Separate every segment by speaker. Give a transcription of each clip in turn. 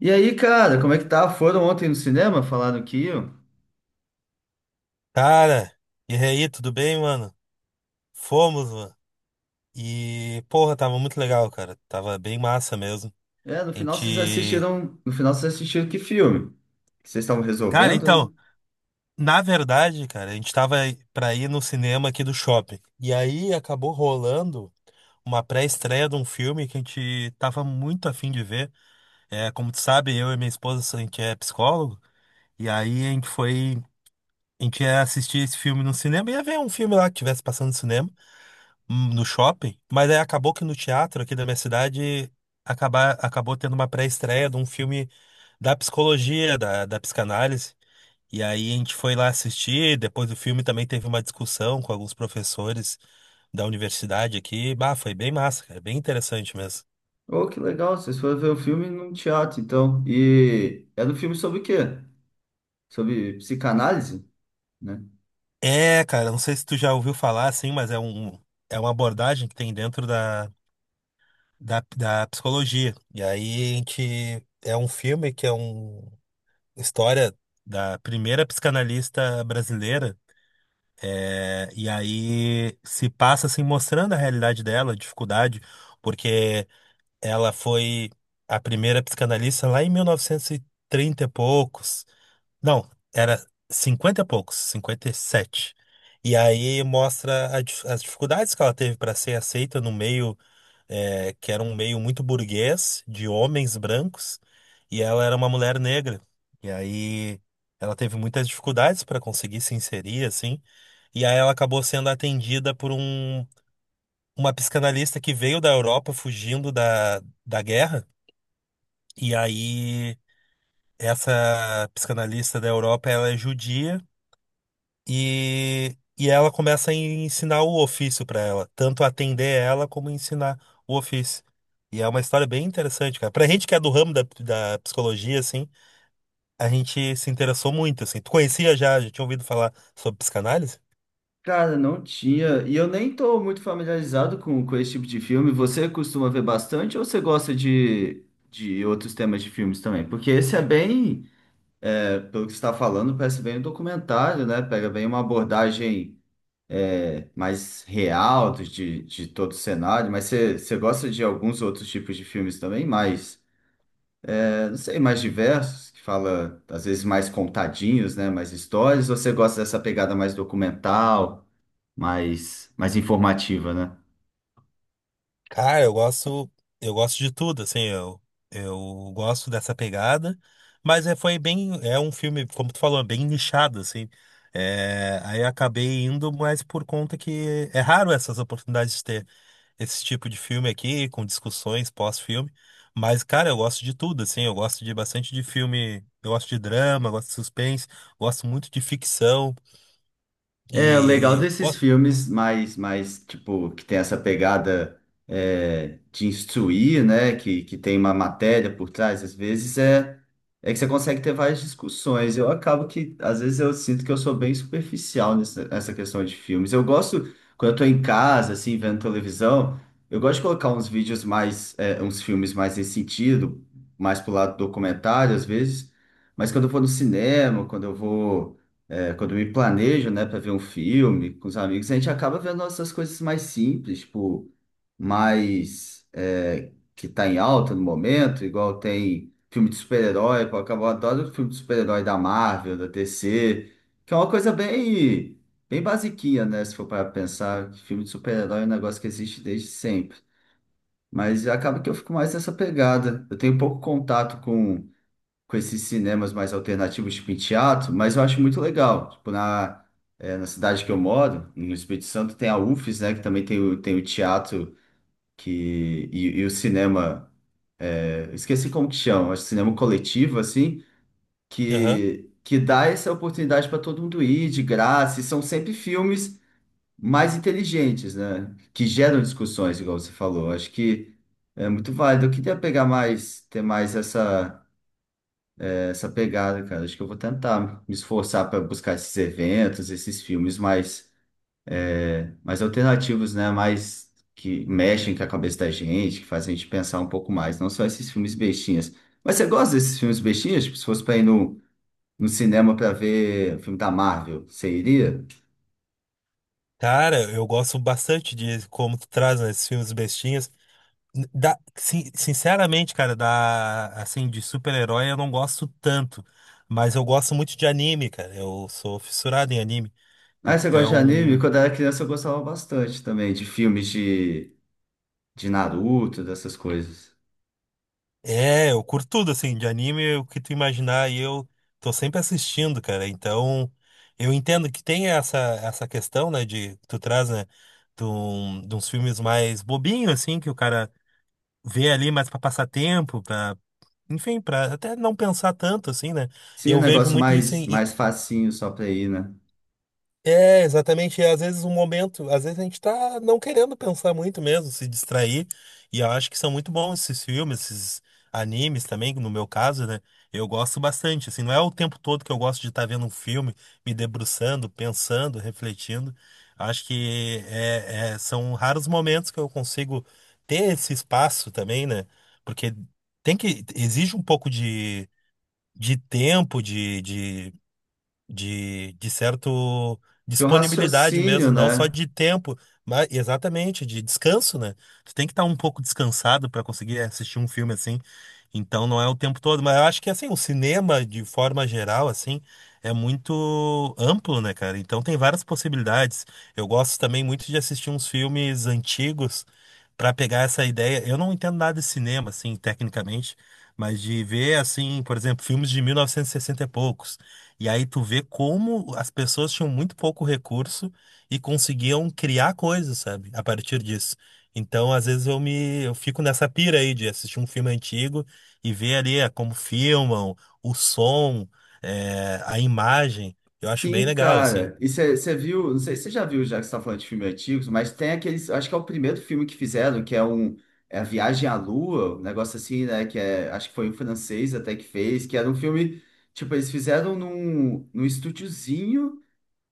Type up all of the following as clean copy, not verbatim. Speaker 1: E aí, cara, como é que tá? Foram ontem no cinema? Falaram que iam?
Speaker 2: Cara, e aí, tudo bem, mano? Fomos, mano. E, porra, tava muito legal, cara. Tava bem massa mesmo.
Speaker 1: É, no
Speaker 2: A
Speaker 1: final vocês
Speaker 2: gente.
Speaker 1: assistiram. No final vocês assistiram que filme? Que vocês estavam
Speaker 2: Cara,
Speaker 1: resolvendo,
Speaker 2: então,
Speaker 1: né?
Speaker 2: na verdade, cara, a gente tava pra ir no cinema aqui do shopping. E aí acabou rolando uma pré-estreia de um filme que a gente tava muito afim de ver. É, como tu sabe, eu e minha esposa, a gente é psicólogo. E aí a gente foi. A gente ia assistir esse filme no cinema, ia ver um filme lá que tivesse passando no cinema no shopping, mas aí acabou que no teatro aqui da minha cidade acabou tendo uma pré-estreia de um filme da psicologia, da psicanálise. E aí a gente foi lá assistir, depois do filme também teve uma discussão com alguns professores da universidade aqui. Bah, foi bem massa, cara, bem interessante mesmo.
Speaker 1: Oh, que legal, vocês foram ver o filme num teatro, então. E era um filme sobre o quê? Sobre psicanálise, né?
Speaker 2: É, cara, não sei se tu já ouviu falar assim, mas é uma abordagem que tem dentro da psicologia. E aí a gente é um filme que é um história da primeira psicanalista brasileira, né? E aí se passa assim mostrando a realidade dela, a dificuldade, porque ela foi a primeira psicanalista lá em 1930 e trinta e poucos. Não, era 50 e poucos, 57. E sete. E aí mostra as dificuldades que ela teve para ser aceita no meio é, que era um meio muito burguês, de homens brancos, e ela era uma mulher negra. E aí ela teve muitas dificuldades para conseguir se inserir, assim, e aí ela acabou sendo atendida uma psicanalista que veio da Europa fugindo da guerra, e aí essa psicanalista da Europa, ela é judia. E ela começa a ensinar o ofício pra ela, tanto atender ela como ensinar o ofício. E é uma história bem interessante, cara. Pra gente que é do ramo da psicologia, assim, a gente se interessou muito, assim. Tu conhecia já, já tinha ouvido falar sobre psicanálise?
Speaker 1: Cara, não tinha. E eu nem tô muito familiarizado com esse tipo de filme. Você costuma ver bastante ou você gosta de outros temas de filmes também? Porque esse é bem pelo que você está falando, parece bem um documentário, né? Pega bem uma abordagem mais real de todo o cenário, mas você gosta de alguns outros tipos de filmes também, mais, não sei, mais diversos, que fala, às vezes, mais contadinhos, né? Mais histórias, ou você gosta dessa pegada mais documental, mais informativa, né?
Speaker 2: Cara, eu gosto de tudo, assim, eu gosto dessa pegada, mas é, foi bem, é um filme, como tu falou, é bem nichado, assim. É, aí eu acabei indo, mas por conta que é raro essas oportunidades de ter esse tipo de filme aqui, com discussões pós-filme. Mas, cara, eu gosto de tudo, assim. Eu gosto de bastante de filme. Eu gosto de drama, gosto de suspense, gosto muito de ficção.
Speaker 1: É, o legal
Speaker 2: E,
Speaker 1: desses
Speaker 2: ó,
Speaker 1: filmes mais tipo, que tem essa pegada de instruir, né? Que tem uma matéria por trás, às vezes, é que você consegue ter várias discussões. Eu acabo que, às vezes, eu sinto que eu sou bem superficial nessa questão de filmes. Eu gosto, quando eu tô em casa, assim, vendo televisão, eu gosto de colocar uns vídeos mais, uns filmes mais nesse sentido, mais pro lado documentário, às vezes. Mas quando eu vou no cinema, quando eu vou quando eu me planejo, né, para ver um filme com os amigos, a gente acaba vendo essas coisas mais simples, tipo, mais que tá em alta no momento, igual tem filme de super-herói, pô, eu adoro filme de super-herói da Marvel, da DC, que é uma coisa bem, bem basiquinha, né, se for para pensar, que filme de super-herói é um negócio que existe desde sempre. Mas acaba que eu fico mais nessa pegada. Eu tenho pouco contato com esses cinemas mais alternativos, tipo em teatro, mas eu acho muito legal. Tipo, na cidade que eu moro, no Espírito Santo, tem a UFES, né? Que também tem tem o teatro e o cinema. É, eu esqueci como que chama, acho que cinema coletivo, assim,
Speaker 2: aham.
Speaker 1: que dá essa oportunidade para todo mundo ir de graça, e são sempre filmes mais inteligentes, né? Que geram discussões, igual você falou. Acho que é muito válido. Eu queria pegar mais, ter mais essa. Essa pegada, cara. Acho que eu vou tentar me esforçar para buscar esses eventos, esses filmes mais, mais alternativos, né? Mais que mexem com a cabeça da gente, que fazem a gente pensar um pouco mais, não só esses filmes bestinhas. Mas você gosta desses filmes bestinhas? Tipo, se fosse para ir no, no cinema para ver filme da Marvel, você iria?
Speaker 2: Cara, eu gosto bastante de como tu traz, né, esses filmes bestinhas. Sinceramente, cara, da, assim, de super-herói eu não gosto tanto. Mas eu gosto muito de anime, cara. Eu sou fissurado em anime.
Speaker 1: Ah, você gosta de anime?
Speaker 2: Então.
Speaker 1: Quando eu era criança eu gostava bastante também de filmes de Naruto, dessas coisas.
Speaker 2: É, eu curto tudo, assim, de anime, o que tu imaginar, e eu tô sempre assistindo, cara. Então, eu entendo que tem essa questão, né, de que tu traz, né, de uns filmes mais bobinhos, assim, que o cara vê ali mais pra passar tempo, pra, enfim, pra até não pensar tanto, assim, né.
Speaker 1: Sim, um
Speaker 2: Eu vejo
Speaker 1: negócio
Speaker 2: muito isso.
Speaker 1: mais, mais facinho só pra ir, né?
Speaker 2: É, exatamente. E às vezes o momento, às vezes a gente tá não querendo pensar muito mesmo, se distrair. E eu acho que são muito bons esses filmes, esses animes também, no meu caso, né? Eu gosto bastante, assim, não é o tempo todo que eu gosto de estar vendo um filme, me debruçando, pensando, refletindo. Acho que são raros momentos que eu consigo ter esse espaço também, né? Porque tem que, exige um pouco de tempo, de certo
Speaker 1: De um
Speaker 2: disponibilidade mesmo,
Speaker 1: raciocínio,
Speaker 2: não só
Speaker 1: né?
Speaker 2: de tempo, mas exatamente de descanso, né? Tu tem que estar um pouco descansado para conseguir assistir um filme assim. Então não é o tempo todo, mas eu acho que assim, o cinema de forma geral assim é muito amplo, né, cara? Então tem várias possibilidades. Eu gosto também muito de assistir uns filmes antigos para pegar essa ideia. Eu não entendo nada de cinema assim, tecnicamente, mas de ver assim, por exemplo, filmes de 1960 e poucos. E aí tu vê como as pessoas tinham muito pouco recurso e conseguiam criar coisas, sabe? A partir disso. Então, às vezes eu fico nessa pira aí de assistir um filme antigo e ver ali como filmam, o som, a imagem. Eu acho bem
Speaker 1: Sim,
Speaker 2: legal, assim.
Speaker 1: cara. E você viu, não sei se você já viu, já que você está falando de filmes antigos, mas tem aqueles, acho que é o primeiro filme que fizeram, que é um é a Viagem à Lua, um negócio assim, né? Que é, acho que foi um francês até que fez, que era um filme, tipo, eles fizeram num, num estúdiozinho.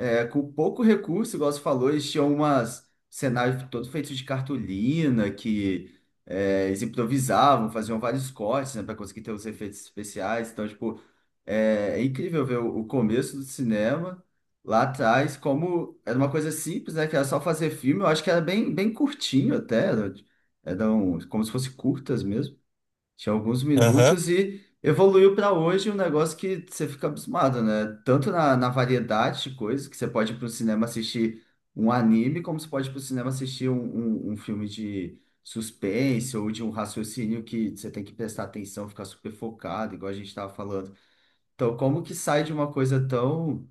Speaker 1: É, com pouco recurso, igual você falou, eles tinham umas cenários todos feitos de cartolina, que eles improvisavam, faziam vários cortes, né, para conseguir ter os efeitos especiais. Então, tipo, é incrível ver o começo do cinema lá atrás, como era uma coisa simples, né, que era só fazer filme. Eu acho que era bem, bem curtinho até, era, eram como se fossem curtas mesmo. Tinha alguns
Speaker 2: Aham.
Speaker 1: minutos e evoluiu para hoje um negócio que você fica abismado, né? Tanto na variedade de coisas, que você pode ir para o cinema assistir um anime, como você pode ir para o cinema assistir um filme de suspense ou de um raciocínio que você tem que prestar atenção, ficar super focado, igual a gente estava falando. Então, como que sai de uma coisa tão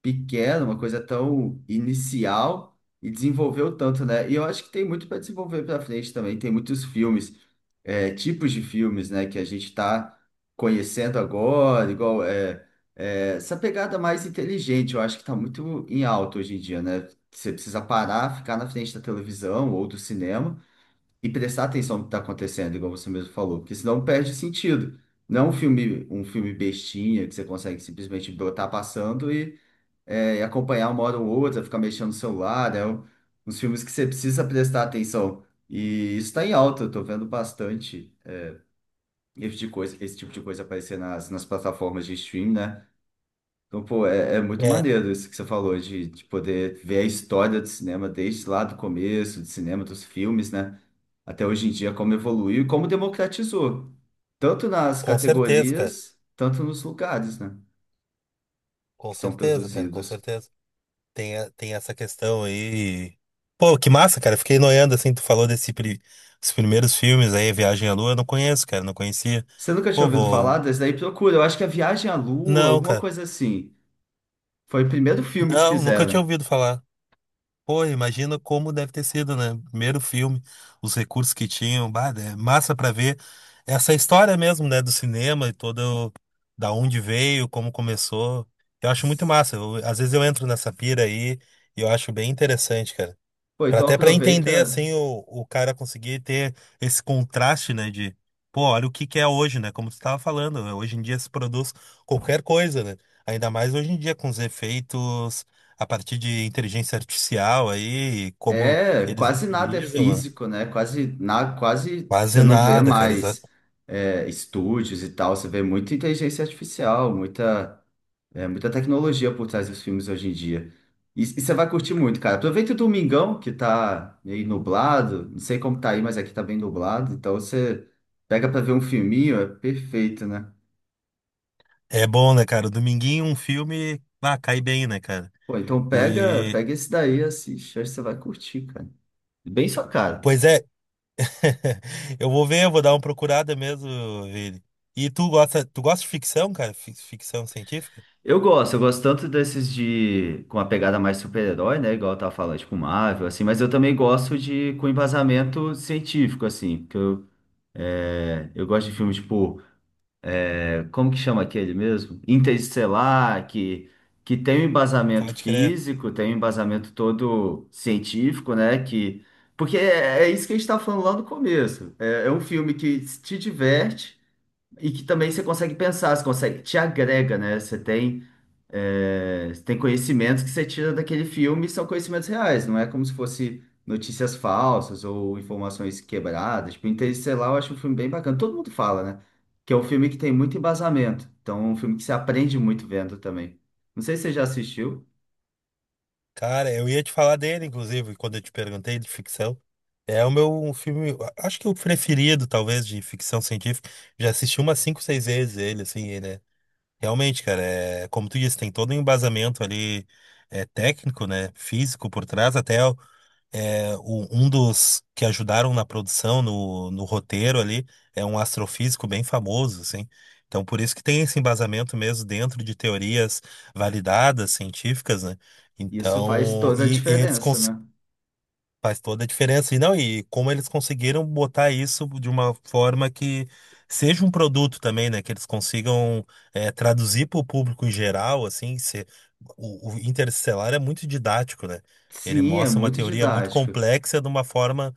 Speaker 1: pequena, uma coisa tão inicial e desenvolveu tanto, né? E eu acho que tem muito para desenvolver para frente também. Tem muitos filmes, tipos de filmes, né, que a gente está conhecendo agora, igual essa pegada mais inteligente. Eu acho que está muito em alta hoje em dia, né? Você precisa parar, ficar na frente da televisão ou do cinema e prestar atenção no que está acontecendo, igual você mesmo falou, porque senão perde sentido. Não é um filme bestinha que você consegue simplesmente botar passando e acompanhar uma hora ou outra, ficar mexendo no celular, uns filmes que você precisa prestar atenção. E isso está em alta, eu tô vendo bastante esse tipo de coisa, esse tipo de coisa aparecer nas plataformas de stream, né? Então, pô, é muito
Speaker 2: É,
Speaker 1: maneiro isso que você falou, de poder ver a história do cinema desde lá do começo, do cinema, dos filmes, né? Até hoje em dia, como evoluiu e como democratizou, tanto nas
Speaker 2: com certeza, cara.
Speaker 1: categorias, tanto nos lugares, né?
Speaker 2: Com
Speaker 1: Que são
Speaker 2: certeza, cara, com
Speaker 1: produzidos.
Speaker 2: certeza. Tem, tem essa questão aí. Pô, que massa, cara. Fiquei noiando assim, tu falou dos primeiros filmes aí, Viagem à Lua, eu não conheço, cara, não conhecia.
Speaker 1: Você nunca tinha
Speaker 2: Pô,
Speaker 1: ouvido
Speaker 2: vou.
Speaker 1: falar desse daí? Procura, eu acho que é Viagem à Lua,
Speaker 2: Não,
Speaker 1: alguma
Speaker 2: cara.
Speaker 1: coisa assim. Foi o primeiro filme que
Speaker 2: Não, nunca tinha
Speaker 1: fizeram.
Speaker 2: ouvido falar. Pô, imagina como deve ter sido, né? Primeiro filme, os recursos que tinham, bah, é massa pra ver essa história mesmo, né, do cinema e todo da onde veio, como começou. Eu acho muito massa. Às vezes eu entro nessa pira aí e eu acho bem interessante, cara.
Speaker 1: Pô, então
Speaker 2: Até para entender
Speaker 1: aproveita.
Speaker 2: assim o cara conseguir ter esse contraste, né, de pô, olha o que que é hoje, né? Como você estava falando, né, hoje em dia se produz qualquer coisa, né? Ainda mais hoje em dia com os efeitos a partir de inteligência artificial aí, e como
Speaker 1: É,
Speaker 2: eles
Speaker 1: quase nada é
Speaker 2: utilizam, né?
Speaker 1: físico, né? Quase, na, quase você
Speaker 2: Quase
Speaker 1: não vê
Speaker 2: nada, cara. Exa-.
Speaker 1: mais estúdios e tal, você vê muita inteligência artificial, muita. É muita tecnologia por trás dos filmes hoje em dia. E você vai curtir muito, cara. Aproveita o domingão, que tá meio nublado. Não sei como tá aí, mas aqui tá bem nublado. Então você pega pra ver um filminho, é perfeito, né?
Speaker 2: É bom, né, cara? Dominguinho, um filme, ah, cai bem, né, cara?
Speaker 1: Pô, então pega,
Speaker 2: E
Speaker 1: pega esse daí, assiste. Acho que você vai curtir, cara. Bem sua cara.
Speaker 2: pois é, eu vou ver, eu vou dar uma procurada mesmo, Vini. E tu gosta de ficção, cara? Ficção científica?
Speaker 1: Eu gosto tanto desses de com a pegada mais super-herói, né? Igual eu tava falando, tipo Marvel, assim, mas eu também gosto de com embasamento científico, assim, porque eu, eu gosto de filmes, tipo. É, como que chama aquele mesmo? Interestelar, que tem um embasamento
Speaker 2: Pode crer.
Speaker 1: físico, tem um embasamento todo científico, né? Que, porque é isso que a gente está falando lá no começo. É um filme que te diverte e que também você consegue pensar, você consegue, te agrega, né? Você tem. É, tem conhecimentos que você tira daquele filme e são conhecimentos reais, não é como se fosse notícias falsas ou informações quebradas. Tipo, Interestelar eu acho um filme bem bacana. Todo mundo fala, né? Que é um filme que tem muito embasamento. Então, é um filme que se aprende muito vendo também. Não sei se você já assistiu.
Speaker 2: Cara, eu ia te falar dele, inclusive, quando eu te perguntei de ficção. É o meu um filme, acho que o preferido, talvez, de ficção científica. Já assisti umas cinco, seis vezes ele, assim, ele é... Realmente, cara, é... como tu disse, tem todo um embasamento ali é, técnico, né? Físico por trás, até é, um dos que ajudaram na produção, no roteiro ali, é um astrofísico bem famoso, assim. Então, por isso que tem esse embasamento mesmo dentro de teorias validadas, científicas, né?
Speaker 1: Isso faz
Speaker 2: Então,
Speaker 1: toda a
Speaker 2: e eles
Speaker 1: diferença,
Speaker 2: cons-.
Speaker 1: né?
Speaker 2: Faz toda a diferença. E não, e como eles conseguiram botar isso de uma forma que seja um produto também, né? Que eles consigam traduzir para o público em geral, assim, se, o Interestelar é muito didático, né? Ele
Speaker 1: Sim, é
Speaker 2: mostra uma
Speaker 1: muito
Speaker 2: teoria muito
Speaker 1: didático.
Speaker 2: complexa de uma forma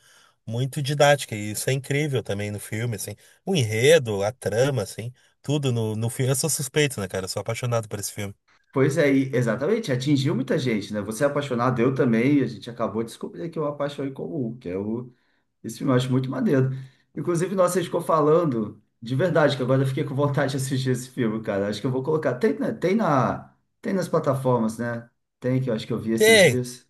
Speaker 2: muito didática. E isso é incrível também no filme, assim. O enredo, a trama, assim, tudo no filme. Eu sou suspeito, né, cara? Eu sou apaixonado por esse filme.
Speaker 1: Pois é, exatamente, atingiu muita gente, né? Você é apaixonado, eu também, e a gente acabou de descobrir aqui uma paixão em comum, que é o esse filme eu acho muito maneiro. Inclusive, nossa, a gente ficou falando de verdade, que agora eu fiquei com vontade de assistir esse filme, cara. Acho que eu vou colocar. Tem nas plataformas, né? Tem, que eu acho que eu vi esses
Speaker 2: Tem,
Speaker 1: dias.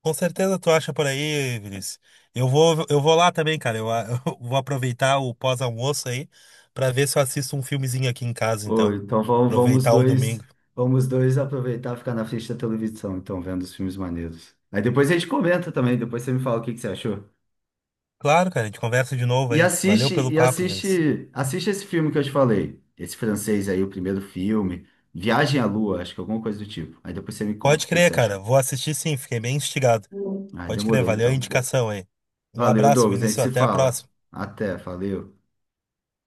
Speaker 2: com certeza tu acha por aí, Vinícius. Eu vou lá também, cara. Eu, eu vou aproveitar o pós-almoço aí pra ver se eu assisto um filmezinho aqui em casa,
Speaker 1: Ou
Speaker 2: então.
Speaker 1: então vamos,
Speaker 2: Aproveitar o domingo.
Speaker 1: vamos dois aproveitar e ficar na frente da televisão, então, vendo os filmes maneiros. Aí depois a gente comenta também, depois você me fala o que que você achou.
Speaker 2: Claro, cara, a gente conversa de novo aí. Valeu pelo papo, Vinícius.
Speaker 1: Assiste esse filme que eu te falei. Esse francês aí, o primeiro filme. Viagem à Lua, acho que alguma coisa do tipo. Aí depois você me conta
Speaker 2: Pode
Speaker 1: o que que
Speaker 2: crer,
Speaker 1: você achou.
Speaker 2: cara. Vou assistir sim, fiquei bem instigado.
Speaker 1: Ah,
Speaker 2: Pode crer,
Speaker 1: demorou
Speaker 2: valeu a
Speaker 1: então.
Speaker 2: indicação aí. Um
Speaker 1: Valeu,
Speaker 2: abraço,
Speaker 1: Douglas. A gente
Speaker 2: Vinícius.
Speaker 1: se
Speaker 2: Até a
Speaker 1: fala.
Speaker 2: próxima.
Speaker 1: Até, valeu.